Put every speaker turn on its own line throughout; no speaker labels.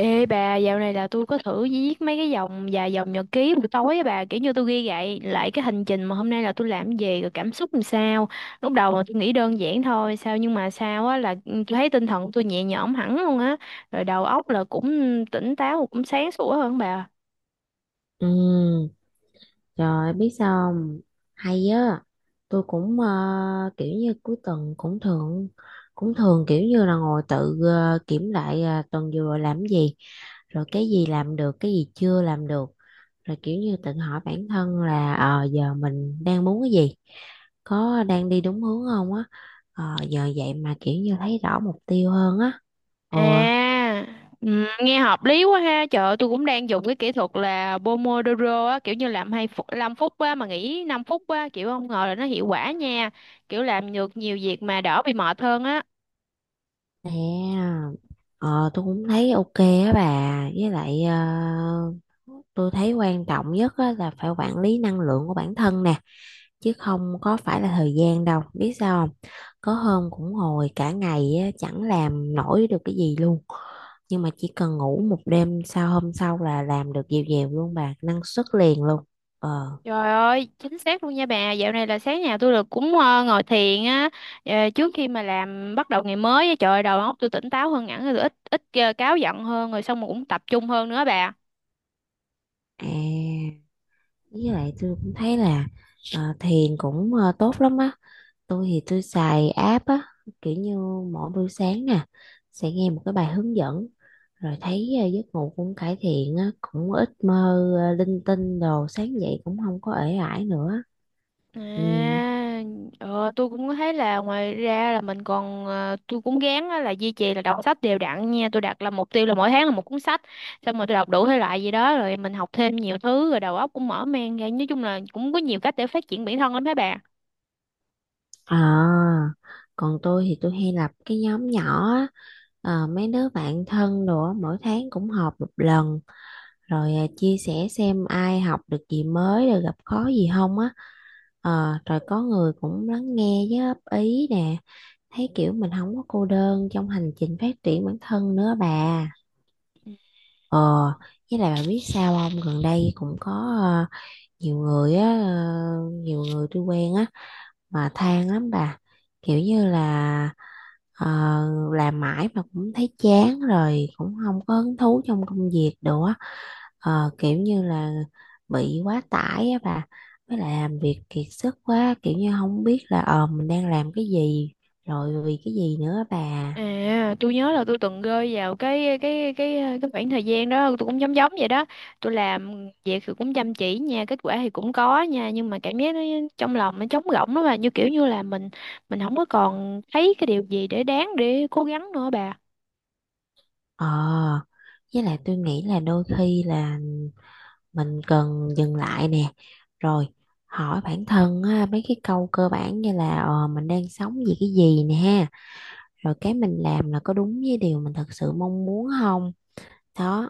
Ê bà, dạo này là tôi có thử viết mấy cái dòng vài dòng nhật ký buổi tối á bà, kiểu như tôi ghi lại lại cái hành trình mà hôm nay là tôi làm gì rồi cảm xúc làm sao. Lúc đầu là tôi nghĩ đơn giản thôi, sao nhưng mà sao á là tôi thấy tinh thần tôi nhẹ nhõm hẳn luôn á, rồi đầu óc là cũng tỉnh táo cũng sáng sủa hơn bà.
Ừ, trời ơi, biết sao không? Hay á, tôi cũng kiểu như cuối tuần cũng thường kiểu như là ngồi tự kiểm lại tuần vừa rồi làm cái gì, rồi cái gì làm được, cái gì chưa làm được, rồi kiểu như tự hỏi bản thân là giờ mình đang muốn cái gì, có đang đi đúng hướng không á. Giờ vậy mà kiểu như thấy rõ mục tiêu hơn á. Ừ.
À, ừ, nghe hợp lý quá ha. Trời ơi, tôi cũng đang dùng cái kỹ thuật là Pomodoro á, kiểu như làm 2 phút, 5 phút á mà nghỉ 5 phút á, kiểu không ngờ là nó hiệu quả nha. Kiểu làm được nhiều việc mà đỡ bị mệt hơn á.
Nè, ờ, tôi cũng thấy ok á bà, với lại tôi thấy quan trọng nhất á, là phải quản lý năng lượng của bản thân nè, chứ không có phải là thời gian đâu, biết sao không? Có hôm cũng ngồi cả ngày á, chẳng làm nổi được cái gì luôn, nhưng mà chỉ cần ngủ một đêm sau hôm sau là làm được dèo dèo luôn bà, năng suất liền luôn. Ờ,
Trời ơi, chính xác luôn nha bà. Dạo này là sáng nào tôi được cũng ngồi thiền á, trước khi mà làm bắt đầu ngày mới á, trời ơi, đầu óc tôi tỉnh táo hơn hẳn rồi, tôi ít ít ờ, cáu giận hơn rồi xong rồi cũng tập trung hơn nữa bà.
à, với lại tôi cũng thấy là thiền cũng tốt lắm á. Tôi thì tôi xài app á, kiểu như mỗi buổi sáng nè, sẽ nghe một cái bài hướng dẫn, rồi thấy giấc ngủ cũng cải thiện á, cũng ít mơ linh tinh đồ, sáng dậy cũng không có ể ải nữa.
À,
Ừ.
tôi cũng thấy là ngoài ra là mình còn tôi cũng gán á là duy trì là đọc sách đều đặn nha. Tôi đặt là mục tiêu là mỗi tháng là một cuốn sách, xong rồi tôi đọc đủ thể loại gì đó rồi mình học thêm nhiều thứ rồi đầu óc cũng mở mang ra. Nói chung là cũng có nhiều cách để phát triển bản thân lắm các bạn.
À, còn tôi thì tôi hay lập cái nhóm nhỏ á, mấy đứa bạn thân đồ á, mỗi tháng cũng họp một lần, rồi chia sẻ xem ai học được gì mới, rồi gặp khó gì không á. Rồi có người cũng lắng nghe với góp ý nè, thấy kiểu mình không có cô đơn trong hành trình phát triển bản thân nữa bà. ờ với lại bà biết sao không, gần đây cũng có ờ, nhiều người á, nhiều người tôi quen á mà than lắm bà, kiểu như là ờ, làm mãi mà cũng thấy chán rồi cũng không có hứng thú trong công việc đồ á. Kiểu như là bị quá tải á bà, với lại làm việc kiệt sức quá, kiểu như không biết là mình đang làm cái gì, rồi vì cái gì nữa á bà.
À, tôi nhớ là tôi từng rơi vào cái khoảng thời gian đó, tôi cũng giống giống vậy đó. Tôi làm việc thì cũng chăm chỉ nha, kết quả thì cũng có nha, nhưng mà cảm giác nó trong lòng nó trống rỗng đó, mà như kiểu như là mình không có còn thấy cái điều gì để đáng để cố gắng nữa bà.
Ờ, với lại tôi nghĩ là đôi khi là mình cần dừng lại nè, rồi hỏi bản thân á, mấy cái câu cơ bản như là mình đang sống vì cái gì nè ha, rồi cái mình làm là có đúng với điều mình thật sự mong muốn không? Đó.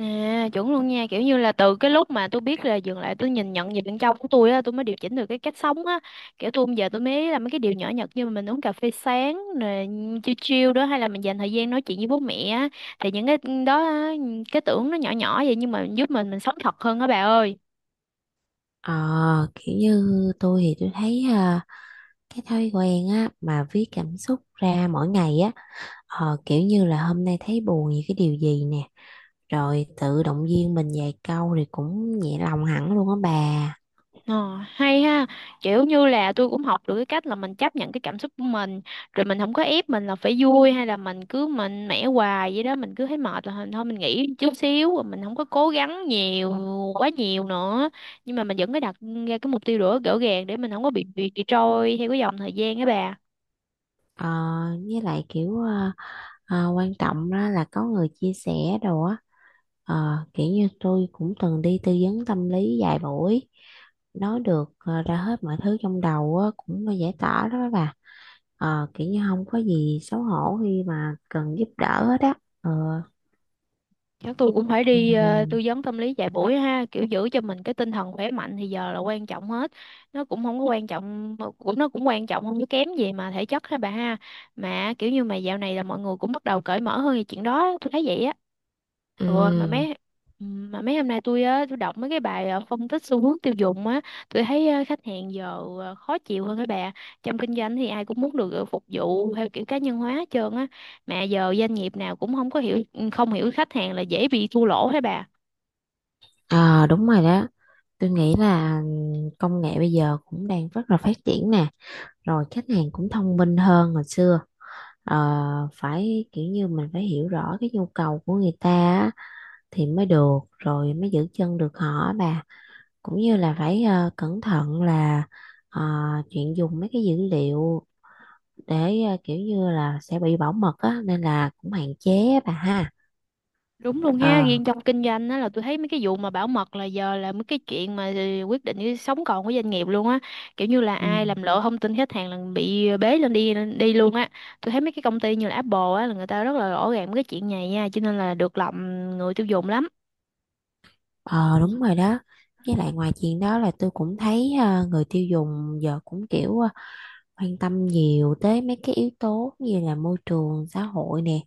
À, chuẩn luôn nha. Kiểu như là từ cái lúc mà tôi biết là dừng lại, tôi nhìn nhận về bên trong của tôi á, tôi mới điều chỉnh được cái cách sống á. Kiểu tôi bây giờ tôi mới làm mấy cái điều nhỏ nhặt, như mình uống cà phê sáng nè, chill chill đó, hay là mình dành thời gian nói chuyện với bố mẹ á. Thì những cái đó á, cái tưởng nó nhỏ nhỏ vậy nhưng mà giúp mình sống thật hơn á bà ơi.
Ờ, Kiểu như tôi thì tôi thấy cái thói quen á mà viết cảm xúc ra mỗi ngày á, kiểu như là hôm nay thấy buồn vì cái điều gì nè, rồi tự động viên mình vài câu thì cũng nhẹ lòng hẳn luôn á bà.
Ờ, hay ha, kiểu như là tôi cũng học được cái cách là mình chấp nhận cái cảm xúc của mình, rồi mình không có ép mình là phải vui hay là mình cứ mạnh mẽ hoài vậy đó. Mình cứ thấy mệt là thôi mình nghỉ chút xíu, rồi mình không có cố gắng nhiều quá nhiều nữa, nhưng mà mình vẫn có đặt ra cái mục tiêu rõ rõ ràng để mình không có bị trôi theo cái dòng thời gian á bà.
Ờ, với lại kiểu quan trọng đó là có người chia sẻ đồ á. Ờ, kiểu như tôi cũng từng đi tư vấn tâm lý vài buổi, nói được ra hết mọi thứ trong đầu á, cũng là giải tỏa đó bà. Ờ, kiểu như không có gì xấu hổ khi mà cần giúp đỡ hết á. Ờ,
Chắc tôi cũng phải đi
ừ,
tư vấn tâm lý vài buổi ha, kiểu giữ cho mình cái tinh thần khỏe mạnh thì giờ là quan trọng hết. Nó cũng không có quan trọng, cũng nó cũng quan trọng không có kém gì mà thể chất ha bà ha. Mà kiểu như mà dạo này là mọi người cũng bắt đầu cởi mở hơn về chuyện đó, tôi thấy vậy á. Ừ,
ừ.
mà mấy hôm nay tôi á tôi đọc mấy cái bài phân tích xu hướng tiêu dùng á, tôi thấy khách hàng giờ khó chịu hơn các bà. Trong kinh doanh thì ai cũng muốn được phục vụ theo kiểu cá nhân hóa hết trơn á, mà giờ doanh nghiệp nào cũng không có hiểu không hiểu khách hàng là dễ bị thua lỗ hả bà
Ờ, đúng rồi đó, tôi nghĩ là công nghệ bây giờ cũng đang rất là phát triển nè, rồi khách hàng cũng thông minh hơn hồi xưa. Ờ, Phải kiểu như mình phải hiểu rõ cái nhu cầu của người ta á, thì mới được, rồi mới giữ chân được họ á bà, cũng như là phải cẩn thận là ờ, chuyện dùng mấy cái dữ liệu để kiểu như là sẽ bị bảo mật á nên là cũng hạn chế á bà ha.
đúng luôn ha
ờ
riêng trong kinh doanh á là tôi thấy mấy cái vụ mà bảo mật là giờ là mấy cái chuyện mà ờ, quyết định cái sống còn của doanh nghiệp luôn á. Kiểu như là
ừ.
ai làm lộ thông tin khách hàng là bị bế lên đi đi luôn á. Tôi thấy mấy cái công ty như là Apple á là người ta rất là rõ ràng mấy cái chuyện này nha, cho nên là được lòng người tiêu dùng lắm.
Ờ, đúng rồi đó. Với lại ngoài chuyện đó là tôi cũng thấy người tiêu dùng giờ cũng kiểu quan tâm nhiều tới mấy cái yếu tố như là môi trường, xã hội nè.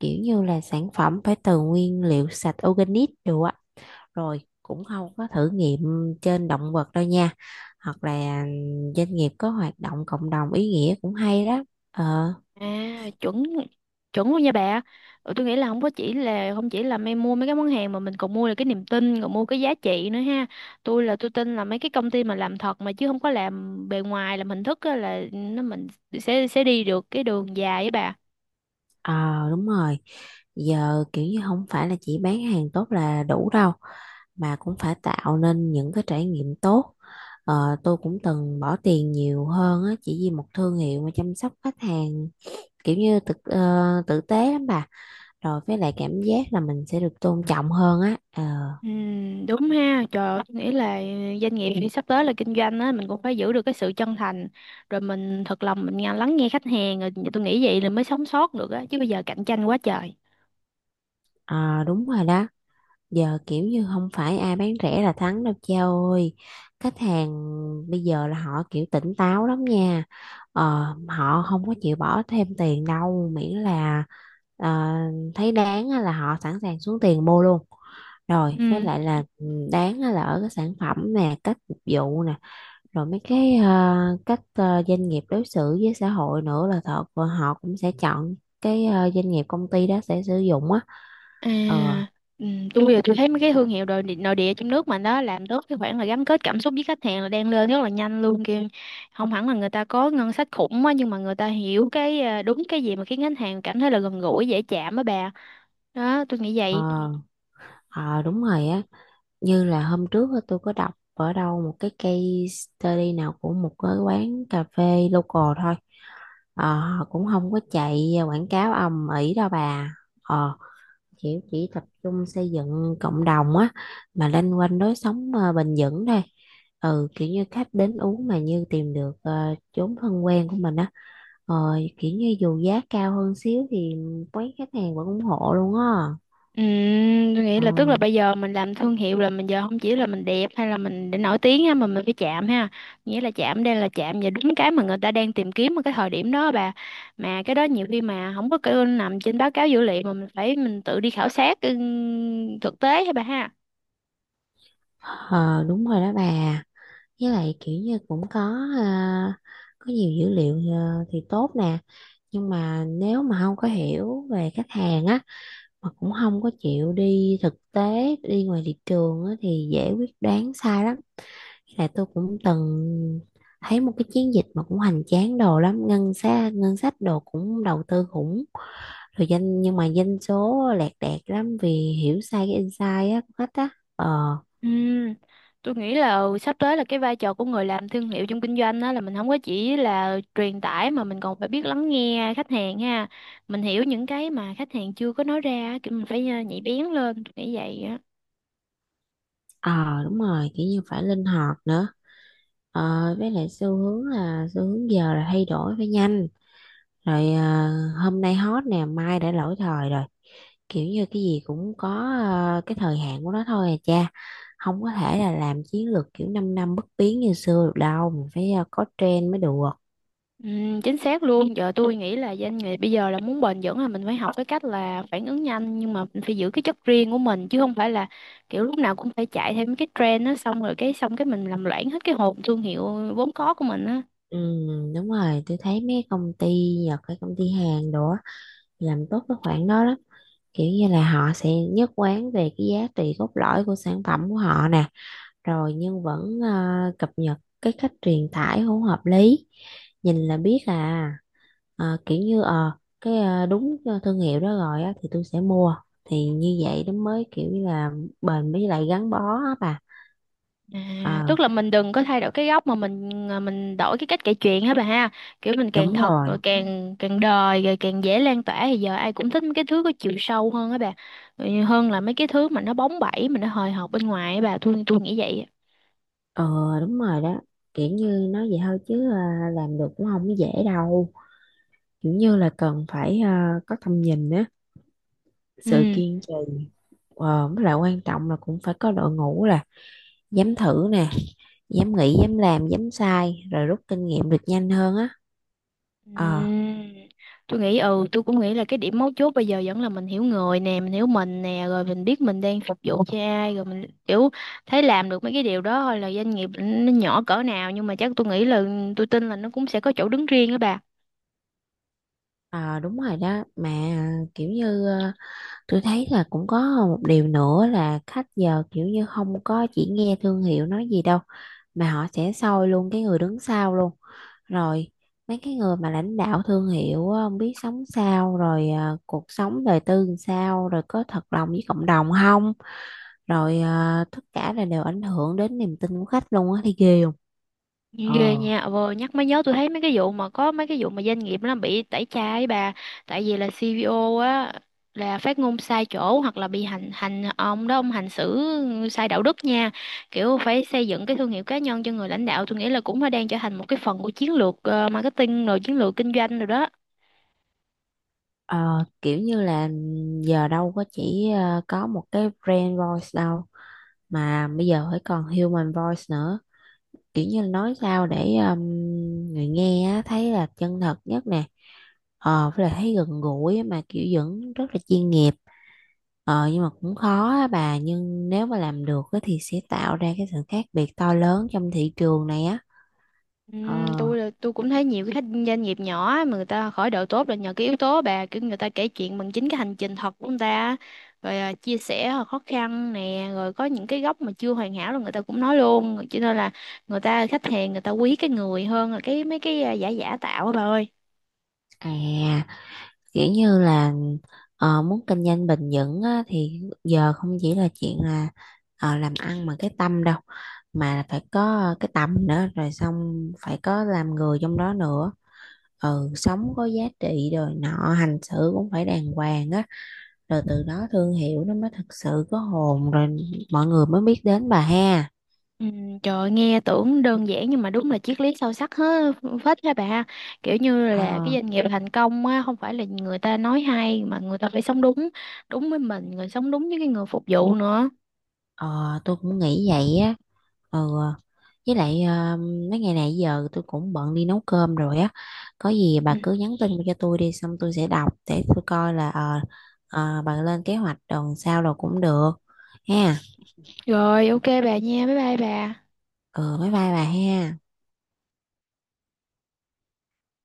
Kiểu như là sản phẩm phải từ nguyên liệu sạch organic đồ á. Rồi cũng không có thử nghiệm trên động vật đâu nha. Hoặc là doanh nghiệp có hoạt động cộng đồng ý nghĩa cũng hay đó. Ờ,
À, chuẩn chuẩn luôn nha bà. Ừ, tôi nghĩ là không chỉ là em mua mấy cái món hàng, mà mình còn mua được cái niềm tin, còn mua cái giá trị nữa ha. Tôi là tôi tin là mấy cái công ty mà làm thật mà chứ không có làm bề ngoài làm hình thức á, là nó mình sẽ đi được cái đường dài với bà.
ờ đúng rồi. Giờ kiểu như không phải là chỉ bán hàng tốt là đủ đâu, mà cũng phải tạo nên những cái trải nghiệm tốt. Ờ, tôi cũng từng bỏ tiền nhiều hơn á, chỉ vì một thương hiệu mà chăm sóc khách hàng kiểu như thực tử tế lắm bà, rồi với lại cảm giác là mình sẽ được tôn trọng hơn á. Ờ,
Ừ, đúng ha. Trời ơi, tôi nghĩ là doanh nghiệp thì sắp tới là kinh doanh á, mình cũng phải giữ được cái sự chân thành, rồi mình thật lòng mình lắng nghe khách hàng, rồi tôi nghĩ vậy là mới sống sót được á, chứ bây giờ cạnh tranh quá trời.
ờ, Đúng rồi đó, giờ kiểu như không phải ai bán rẻ là thắng đâu cha ơi, khách hàng bây giờ là họ kiểu tỉnh táo lắm nha. Họ không có chịu bỏ thêm tiền đâu, miễn là ờ, thấy đáng á là họ sẵn sàng xuống tiền mua luôn, rồi với
Ừ.
lại là ừ, đáng á là ở cái sản phẩm nè, cách phục vụ nè, rồi mấy cái cách doanh nghiệp đối xử với xã hội nữa là thật và họ cũng sẽ chọn cái doanh nghiệp công ty đó sẽ sử dụng á.
À,
ờ
ừ, tôi bây giờ tôi thấy mấy cái thương hiệu nội địa, trong nước mà đó làm tốt cái khoản là gắn kết cảm xúc với khách hàng là đang lên rất là nhanh luôn kìa. Không hẳn là người ta có ngân sách khủng á, nhưng mà người ta hiểu cái à, đúng cái gì mà khiến khách hàng cảm thấy là gần gũi dễ chạm á bà. Đó, tôi nghĩ
ờ,
vậy.
ờ, Đúng rồi á, như là hôm trước á, tôi có đọc ở đâu một cái case study nào của một cái quán cà phê local thôi. Ờ, họ cũng không có chạy quảng cáo ầm ĩ đâu bà, ờ chỉ tập trung xây dựng cộng đồng á, mà loanh quanh lối sống bền vững thôi. Ừ, kiểu như khách đến uống mà như tìm được chốn thân quen của mình á. ờ Kiểu như dù giá cao hơn xíu thì quán khách hàng vẫn ủng hộ luôn á.
Ừ, tôi nghĩ
ờ
là tức là bây giờ mình làm thương hiệu là mình giờ không chỉ là mình đẹp hay là mình để nổi tiếng ha, mà mình phải chạm ha. Nghĩa là chạm đây là chạm và đúng cái mà người ta đang tìm kiếm ở cái thời điểm đó bà. Mà cái đó nhiều khi mà không có cái nằm trên báo cáo dữ liệu, mà mình phải mình tự đi khảo sát thực tế hả bà ha.
Ờ, đúng rồi đó bà, với lại kiểu như cũng có à, có nhiều dữ liệu à, thì tốt nè, nhưng mà nếu mà không có hiểu về khách hàng á mà cũng không có chịu đi thực tế đi ngoài thị trường á, thì dễ quyết đoán sai lắm. Là tôi cũng từng thấy một cái chiến dịch mà cũng hoành tráng đồ lắm, ngân sách đồ cũng đầu tư khủng, rồi danh nhưng mà doanh số lẹt đẹt lắm vì hiểu sai cái insight á của khách á. ờ
Ừm, tôi nghĩ là ừ, sắp tới là cái vai trò của người làm thương hiệu trong kinh doanh đó là mình không có chỉ là truyền tải, mà mình còn phải biết lắng nghe khách hàng ha. Mình hiểu những cái mà khách hàng chưa có nói ra á, kiểu mình phải nhạy bén lên, tôi nghĩ vậy á.
ờ Đúng rồi, kiểu như phải linh hoạt nữa. Ờ, với lại xu hướng là xu hướng giờ là thay đổi phải nhanh, rồi à, hôm nay hot nè, mai đã lỗi thời rồi, kiểu như cái gì cũng có à, cái thời hạn của nó thôi à cha, không có thể là làm chiến lược kiểu 5 năm năm bất biến như xưa được đâu, mình phải à, có trend mới được.
Chính xác luôn. Giờ tôi nghĩ là doanh nghiệp bây giờ là muốn bền vững là mình phải học cái cách là phản ứng nhanh, nhưng mà mình phải giữ cái chất riêng của mình, chứ không phải là kiểu lúc nào cũng phải chạy theo mấy cái trend đó, xong rồi cái xong cái mình làm loãng hết cái hồn thương hiệu vốn có của mình á.
Ừ, đúng rồi, tôi thấy mấy công ty Nhật hay công ty Hàn đồ á, làm tốt cái khoản đó lắm, kiểu như là họ sẽ nhất quán về cái giá trị cốt lõi của sản phẩm của họ nè, rồi nhưng vẫn cập nhật cái cách truyền tải không hợp lý, nhìn là biết à. Kiểu như cái đúng thương hiệu đó rồi á, thì tôi sẽ mua, thì như vậy nó mới kiểu như là bền với lại gắn bó á bà.
À,
ờ
tức là mình đừng có thay đổi cái góc mà mình à, mình đổi cái cách kể chuyện hả bà ha. Kiểu mình càng
Đúng
thật
rồi.
rồi càng càng đời rồi càng dễ lan tỏa, thì giờ ai cũng thích mấy cái thứ có chiều sâu hơn á bà. Ừ, hơn là mấy cái thứ mà nó bóng bẩy mà nó hời hợt bên ngoài á bà, tôi nghĩ vậy á.
ờ Đúng rồi đó, kiểu như nói vậy thôi chứ làm được cũng không dễ đâu, kiểu như là cần phải có tầm nhìn á, sự
Ừ.
kiên trì. Với lại quan trọng là cũng phải có đội ngũ là dám thử nè, dám nghĩ, dám làm, dám sai, rồi rút kinh nghiệm được nhanh hơn á. ờ
Ừm, tôi nghĩ ừ tôi cũng nghĩ là cái điểm mấu chốt bây giờ vẫn là mình hiểu người nè, mình hiểu mình nè, rồi mình biết mình đang phục vụ cho ai, rồi mình kiểu thấy làm được mấy cái điều đó thôi là doanh nghiệp nó nhỏ cỡ nào, nhưng mà chắc tôi nghĩ là tôi tin là nó cũng sẽ có chỗ đứng riêng á bà.
ờ, Đúng rồi đó mà, kiểu như tôi thấy là cũng có một điều nữa là khách giờ kiểu như không có chỉ nghe thương hiệu nói gì đâu, mà họ sẽ soi luôn cái người đứng sau luôn, rồi mấy cái người mà lãnh đạo thương hiệu á, không biết sống sao, rồi à, cuộc sống đời tư làm sao, rồi có thật lòng với cộng đồng không, rồi à, tất cả là đều ảnh hưởng đến niềm tin của khách luôn á, thì ghê không. ờ
Ghê nha, vừa nhắc mới nhớ tôi thấy mấy cái vụ mà có mấy cái vụ mà doanh nghiệp nó bị tẩy chay bà, tại vì là CVO á là phát ngôn sai chỗ, hoặc là bị hành hành ông đó ông hành xử sai đạo đức nha. Kiểu phải xây dựng cái thương hiệu cá nhân cho người lãnh đạo, tôi nghĩ là cũng đã đang trở thành một cái phần của chiến lược marketing, rồi chiến lược kinh doanh rồi đó.
Ờ, kiểu như là giờ đâu có chỉ có một cái brand voice đâu, mà bây giờ phải còn human voice nữa, kiểu như là nói sao để người nghe á, thấy là chân thật nhất nè. Với lại thấy gần gũi á, mà kiểu vẫn rất là chuyên nghiệp. Nhưng mà cũng khó á bà, nhưng nếu mà làm được á, thì sẽ tạo ra cái sự khác biệt to lớn trong thị trường này á. ờ
Tôi là tôi cũng thấy nhiều cái doanh nghiệp nhỏ mà người ta khởi đầu tốt là nhờ cái yếu tố bà, kiểu người ta kể chuyện bằng chính cái hành trình thật của người ta, rồi à, chia sẻ khó khăn nè, rồi có những cái góc mà chưa hoàn hảo là người ta cũng nói luôn, cho nên là người ta khách hàng người ta quý cái người hơn là cái mấy cái à, giả giả tạo á bà ơi.
à Kiểu như là muốn kinh doanh bền vững á, thì giờ không chỉ là chuyện là làm ăn mà cái tâm đâu, mà phải có cái tâm nữa, rồi xong phải có làm người trong đó nữa. Ừ, sống có giá trị, rồi nọ hành xử cũng phải đàng hoàng á, rồi từ đó thương hiệu nó mới thực sự có hồn, rồi mọi người mới biết đến bà ha.
Ừ, trời ơi, nghe tưởng đơn giản nhưng mà đúng là triết lý sâu sắc hết phết ha bà. Kiểu như là cái
ờ
doanh nghiệp thành công á không phải là người ta nói hay, mà người ta phải sống đúng, đúng với mình, người sống đúng với cái người phục vụ nữa.
ờ, tôi cũng nghĩ vậy á. Ừ. Với lại mấy ngày này giờ tôi cũng bận đi nấu cơm rồi á, có gì
Ừ.
bà cứ nhắn tin cho tôi đi, xong tôi sẽ đọc để tôi coi là bà lên kế hoạch tuần sau rồi cũng được ha.
Rồi, ok bà nha, bye bye bà.
Ừ, bye bye bà ha.